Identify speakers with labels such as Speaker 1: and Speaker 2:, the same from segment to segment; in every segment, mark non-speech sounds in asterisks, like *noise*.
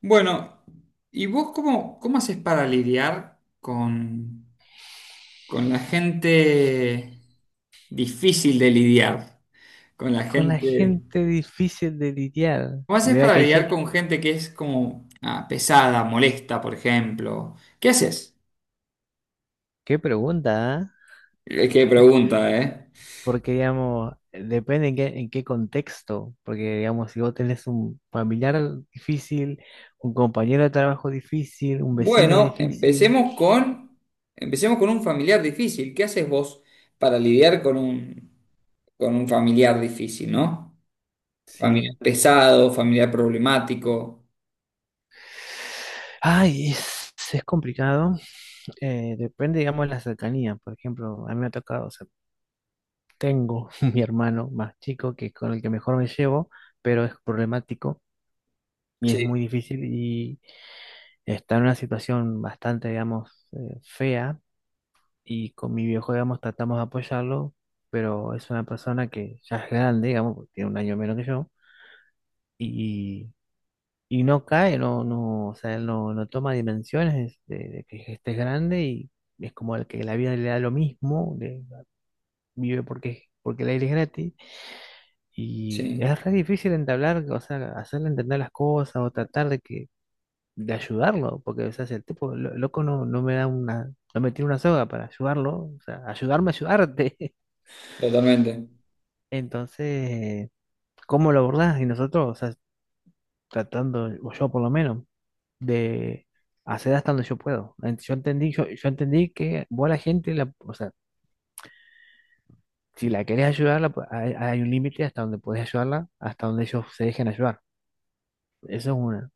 Speaker 1: Bueno, ¿y vos cómo haces para lidiar con la gente difícil de lidiar? Con la
Speaker 2: Con la
Speaker 1: gente...
Speaker 2: gente difícil de lidiar.
Speaker 1: ¿Cómo haces
Speaker 2: Mira
Speaker 1: para
Speaker 2: que hay
Speaker 1: lidiar
Speaker 2: gente.
Speaker 1: con gente que es como pesada, molesta, por ejemplo? ¿Qué haces?
Speaker 2: Qué pregunta, ¿ah?
Speaker 1: Qué pregunta, ¿eh?
Speaker 2: Porque, digamos, depende en qué contexto. Porque, digamos, si vos tenés un familiar difícil, un compañero de trabajo difícil, un vecino
Speaker 1: Bueno,
Speaker 2: difícil,
Speaker 1: empecemos con un familiar difícil. ¿Qué haces vos para lidiar con un familiar difícil, ¿no? Familiar
Speaker 2: sí.
Speaker 1: pesado, familiar problemático.
Speaker 2: Ay, es complicado. Depende, digamos, de la cercanía. Por ejemplo, a mí me ha tocado, o sea, tengo *laughs* mi hermano más chico que con el que mejor me llevo, pero es problemático y es
Speaker 1: Sí,
Speaker 2: muy difícil. Y está en una situación bastante, digamos, fea y con mi viejo, digamos, tratamos de apoyarlo, pero es una persona que ya es grande, digamos, porque tiene un año menos que yo y, y no cae, no, no, o sea, él no, no toma dimensiones de que este es grande y es como el que la vida le da lo mismo, vive porque el aire es gratis y
Speaker 1: sí,
Speaker 2: es re difícil entablar, o sea, hacerle entender las cosas o tratar de que de ayudarlo, porque o sea, si el tipo, loco, no, no me da una, no me tiene una soga para ayudarlo, o sea, ayudarme a ayudarte. *laughs*
Speaker 1: totalmente.
Speaker 2: Entonces, ¿cómo lo abordás? Y nosotros, o sea, tratando, o yo por lo menos, de hacer hasta donde yo puedo. Yo entendí, yo entendí que vos a la gente, o sea, si la querés ayudar, hay, hay un límite hasta donde podés ayudarla, hasta donde ellos se dejen ayudar. Eso es una.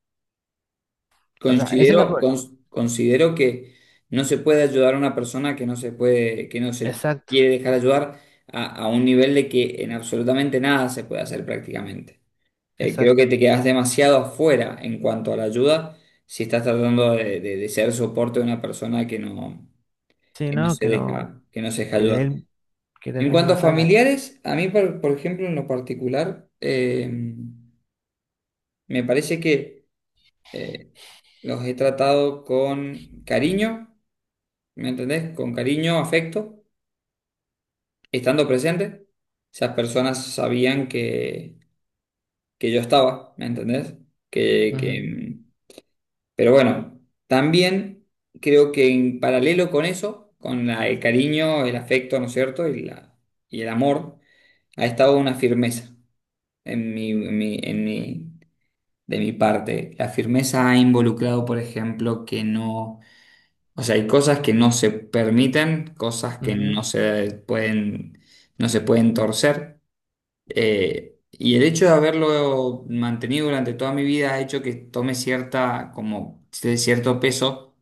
Speaker 2: O sea, esa es
Speaker 1: Considero que no se puede ayudar a una persona que no se
Speaker 2: Exacto,
Speaker 1: quiere dejar ayudar a un nivel de que en absolutamente nada se puede hacer prácticamente. Creo
Speaker 2: exacto.
Speaker 1: que te quedas demasiado afuera en cuanto a la ayuda si estás tratando de ser soporte de una persona
Speaker 2: Sí,
Speaker 1: que no
Speaker 2: no,
Speaker 1: se
Speaker 2: que no,
Speaker 1: deja, que no se deja
Speaker 2: que de
Speaker 1: ayudar.
Speaker 2: él, que del
Speaker 1: En
Speaker 2: mismo
Speaker 1: cuanto a
Speaker 2: no sales.
Speaker 1: familiares, a mí, por ejemplo, en lo particular, me parece que eh, los he tratado con cariño, ¿me entendés? Con cariño, afecto, estando presente. Esas personas sabían que yo estaba, ¿me entendés? Que, que, mm, pero bueno, también creo que en paralelo con eso, con el cariño, el afecto, ¿no es cierto? Y el amor, ha estado una firmeza en mi, en mi, en mi- de mi parte. La firmeza ha involucrado, por ejemplo, que no o sea, hay cosas que no se permiten, cosas que
Speaker 2: Ujú,
Speaker 1: no se pueden, no se pueden torcer. Y el hecho de haberlo mantenido durante toda mi vida ha hecho que tome cierta, como, cierto peso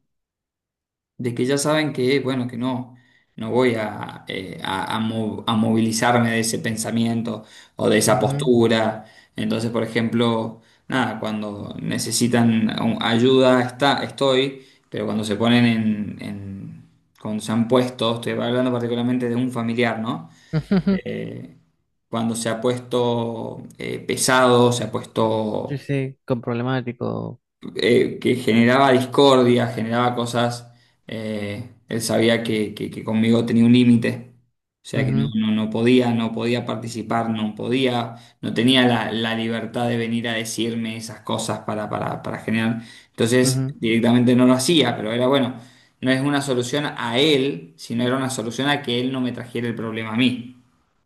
Speaker 1: de que ya saben que, bueno, que no, no voy a, a movilizarme de ese pensamiento o de
Speaker 2: ujú,
Speaker 1: esa
Speaker 2: ujú.
Speaker 1: postura. Entonces, por ejemplo, nada, cuando necesitan ayuda, estoy, pero cuando se ponen cuando se han puesto, estoy hablando particularmente de un familiar, ¿no?
Speaker 2: *laughs*
Speaker 1: Eh, Cuando se ha puesto pesado, se ha
Speaker 2: Sí,
Speaker 1: puesto
Speaker 2: sí, con problemático.
Speaker 1: que generaba discordia, generaba cosas, él sabía que conmigo tenía un límite. O sea que
Speaker 2: Ujú,
Speaker 1: no podía, no podía participar, no podía, no tenía la libertad de venir a decirme esas cosas para generar. Entonces,
Speaker 2: ujú,
Speaker 1: directamente no lo hacía, pero era bueno, no es una solución a él, sino era una solución a que él no me trajera el problema a mí,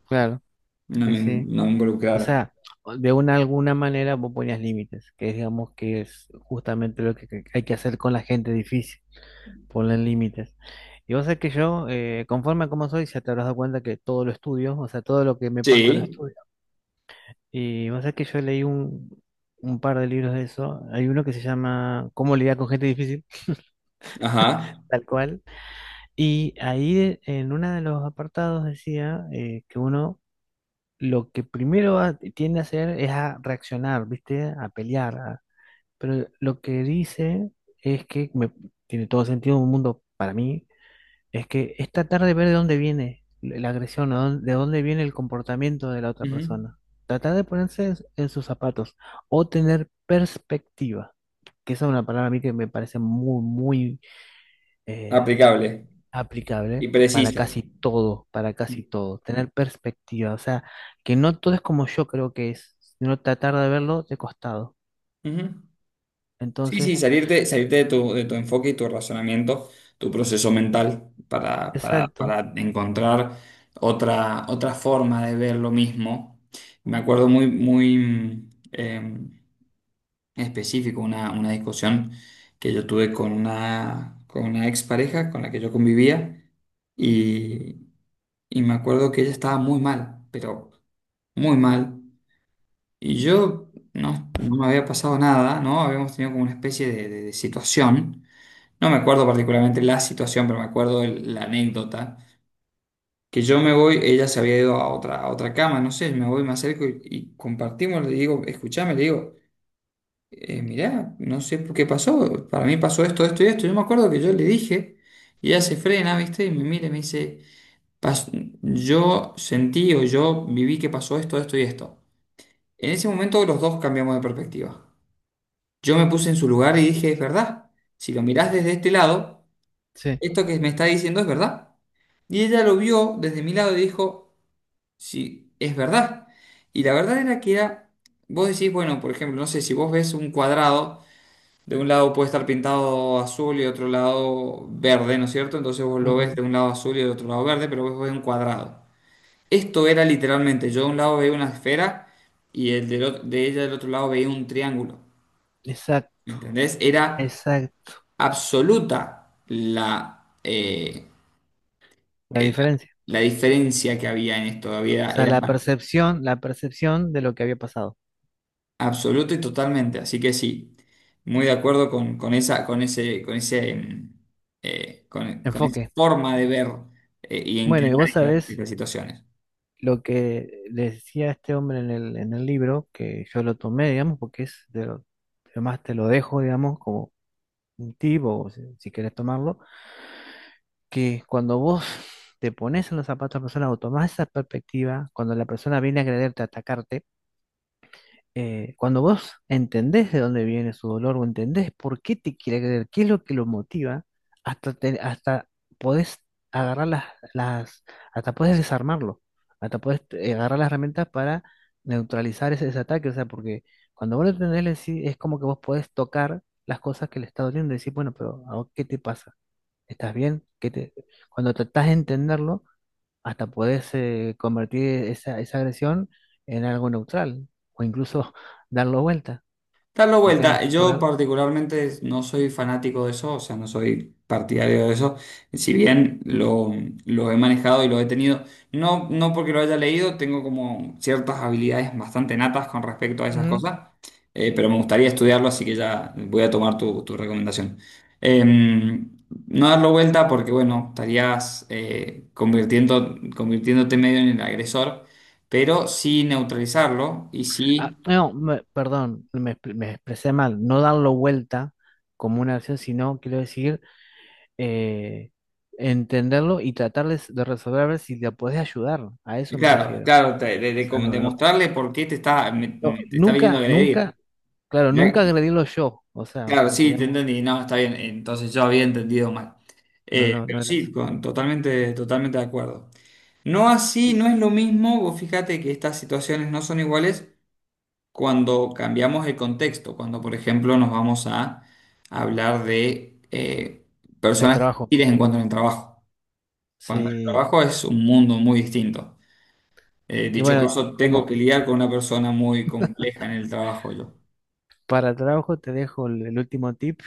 Speaker 2: claro, sí, sí.
Speaker 1: no me
Speaker 2: O
Speaker 1: involucrara.
Speaker 2: sea, de una alguna manera vos ponías límites, que es, digamos que es justamente lo que hay que hacer con la gente difícil, poner límites. Y vos sabés que yo, conforme a cómo soy, ya te habrás dado cuenta que todo lo estudio, o sea, todo lo que me pasa lo
Speaker 1: Sí,
Speaker 2: estudio. Y vos sabés que yo leí un par de libros de eso. Hay uno que se llama Cómo lidiar con gente difícil,
Speaker 1: ajá.
Speaker 2: tal cual. Y ahí en uno de los apartados decía que uno lo que primero tiende a hacer es a reaccionar, ¿viste? A pelear. Pero lo que dice es que tiene todo sentido un mundo para mí, es que es tratar de ver de dónde viene la agresión, o de dónde viene el comportamiento de la otra
Speaker 1: Ujú.
Speaker 2: persona. Tratar de ponerse en sus zapatos o tener perspectiva, que esa es una palabra a mí que me parece muy, muy eh,
Speaker 1: Aplicable y
Speaker 2: aplicable
Speaker 1: precisa.
Speaker 2: para casi todo, tener perspectiva, o sea, que no todo es como yo creo que es, sino tratar de verlo de costado.
Speaker 1: Ujú. Sí, sí,
Speaker 2: Entonces,
Speaker 1: salirte de de tu enfoque y tu razonamiento, tu proceso mental
Speaker 2: exacto,
Speaker 1: para encontrar otra forma de ver lo mismo. Me acuerdo específico una discusión que yo tuve con con una expareja con la que yo convivía y, y me acuerdo que ella estaba muy mal, pero muy mal. Y yo no me había pasado nada, ¿no? Habíamos tenido como una especie de situación. No me acuerdo particularmente la situación, pero me acuerdo la anécdota. Que yo me voy, ella se había ido a otra cama, no sé, me voy, me acerco y compartimos, le digo, escuchame, le digo, mirá, no sé por qué pasó, para mí pasó esto, esto y esto. Yo me acuerdo que yo le dije, y ella se frena, ¿viste? Y me mira y me dice, "Pas- yo sentí o yo viví que pasó esto, esto y esto." En ese momento los dos cambiamos de perspectiva. Yo me puse en su lugar y dije, es verdad, si lo mirás desde este lado,
Speaker 2: sí,
Speaker 1: esto que me está diciendo es verdad. Y ella lo vio desde mi lado y dijo, sí, es verdad. Y la verdad era que era, vos decís, bueno, por ejemplo, no sé, si vos ves un cuadrado, de un lado puede estar pintado azul y otro lado verde, ¿no es cierto? Entonces vos lo ves de un lado azul y del otro lado verde, pero vos ves un cuadrado. Esto era literalmente, yo de un lado veía una esfera y de ella del otro lado veía un triángulo. ¿Me
Speaker 2: exacto,
Speaker 1: entendés? Era
Speaker 2: exacto,
Speaker 1: absoluta
Speaker 2: la
Speaker 1: eh, la,
Speaker 2: diferencia,
Speaker 1: la diferencia que había en esto.
Speaker 2: o
Speaker 1: Había,
Speaker 2: sea,
Speaker 1: era
Speaker 2: la percepción de lo que había pasado,
Speaker 1: absoluta y totalmente. Así que sí, muy de acuerdo con con con esa
Speaker 2: enfoque.
Speaker 1: forma de ver y
Speaker 2: Bueno,
Speaker 1: encarar
Speaker 2: y vos sabés
Speaker 1: estas situaciones.
Speaker 2: lo que le decía este hombre en en el libro, que yo lo tomé, digamos, porque es de lo, además te lo dejo, digamos, como un tipo, si si querés tomarlo que cuando vos te pones en los zapatos de la persona o tomás esa perspectiva, cuando la persona viene a agrederte, a atacarte, cuando vos entendés de dónde viene su dolor o entendés por qué te quiere agredir, qué es lo que lo motiva, hasta, hasta podés agarrar las, hasta podés desarmarlo, hasta podés agarrar las herramientas para neutralizar ese ataque, o sea, porque cuando vos lo entendés, es como que vos podés tocar las cosas que le está doliendo y decir, bueno, pero ¿a vos ¿qué te pasa? ¿Estás bien? Que te, cuando tratás de entenderlo, hasta podés convertir esa agresión en algo neutral o incluso *laughs* darlo vuelta,
Speaker 1: Darlo
Speaker 2: porque
Speaker 1: vuelta, yo particularmente no soy fanático de eso, o sea, no soy partidario de eso, si bien lo he manejado y lo he tenido, no, no porque lo haya leído, tengo como ciertas habilidades bastante natas con respecto a esas
Speaker 2: Ujú.
Speaker 1: cosas, pero me gustaría estudiarlo, así que ya voy a tomar tu recomendación. Em, no darlo vuelta porque, bueno, estarías convirtiéndote medio en el agresor, pero sí neutralizarlo y
Speaker 2: Ah,
Speaker 1: sí
Speaker 2: no, me- perdón, me, expre- me expresé mal. No darlo vuelta como una acción, sino quiero decir eh, entenderlo y tratarles de resolver a ver si le podés ayudar. A eso me
Speaker 1: claro,
Speaker 2: refiero.
Speaker 1: claro,
Speaker 2: O sea,
Speaker 1: de mostrarle por qué te está,
Speaker 2: no,
Speaker 1: te está viniendo a
Speaker 2: nunca,
Speaker 1: agredir.
Speaker 2: nunca, claro, nunca
Speaker 1: Mirá,
Speaker 2: agredirlo yo. O sea,
Speaker 1: claro,
Speaker 2: porque
Speaker 1: sí, te
Speaker 2: digamos,
Speaker 1: entendí, no, está bien, entonces yo había entendido mal. Pero
Speaker 2: no era
Speaker 1: sí, totalmente, totalmente de acuerdo. No así,
Speaker 2: Y-
Speaker 1: no es lo mismo, vos fíjate que estas situaciones no son iguales cuando cambiamos el contexto, cuando por ejemplo nos vamos a hablar de
Speaker 2: El
Speaker 1: personas
Speaker 2: trabajo,
Speaker 1: hostiles en cuanto al trabajo. Cuando el
Speaker 2: sí.
Speaker 1: trabajo es un mundo muy distinto.
Speaker 2: Y
Speaker 1: Dicho
Speaker 2: bueno,
Speaker 1: caso, tengo
Speaker 2: como
Speaker 1: que lidiar con una persona muy compleja en el trabajo yo.
Speaker 2: para trabajo te dejo el último tip.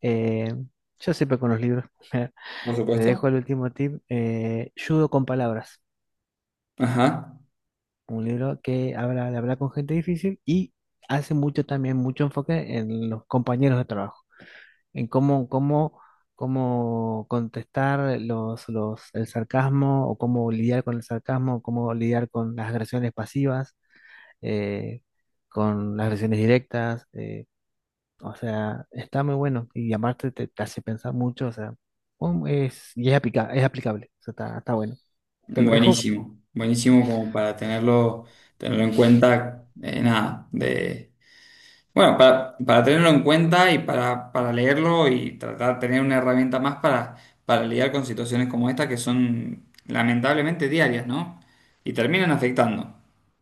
Speaker 2: eh, yo siempre con los libros. *laughs*
Speaker 1: Por
Speaker 2: Te
Speaker 1: supuesto.
Speaker 2: dejo el último tip. Judo con palabras.
Speaker 1: Ajá,
Speaker 2: Un libro que habla de hablar con gente difícil y hace mucho también, mucho enfoque en los compañeros de trabajo. En cómo contestar el sarcasmo o cómo lidiar con el sarcasmo, cómo lidiar con las agresiones pasivas eh, con las versiones directas, o sea, está muy bueno y aparte te, te hace pensar mucho, o sea, es aplicable, o sea, está, está bueno. Te lo dejo,
Speaker 1: buenísimo, buenísimo como para tenerlo, tenerlo en cuenta, nada, de, bueno, para tenerlo en cuenta y para leerlo y tratar de tener una herramienta más para lidiar con situaciones como esta que son lamentablemente diarias, ¿no? Y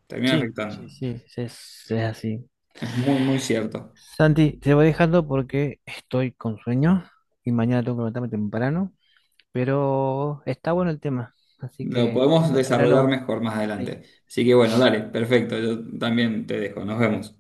Speaker 1: terminan
Speaker 2: sí, sí,
Speaker 1: afectando,
Speaker 2: sí, es así.
Speaker 1: es muy, muy cierto.
Speaker 2: Santi, te voy dejando porque estoy con sueño y mañana tengo que levantarme temprano, pero está bueno el tema, así
Speaker 1: Lo
Speaker 2: que
Speaker 1: podemos
Speaker 2: cuando quiera
Speaker 1: desarrollar
Speaker 2: lo...
Speaker 1: mejor más
Speaker 2: sí.
Speaker 1: adelante. Así que bueno, dale, perfecto. Yo también te dejo. Nos vemos.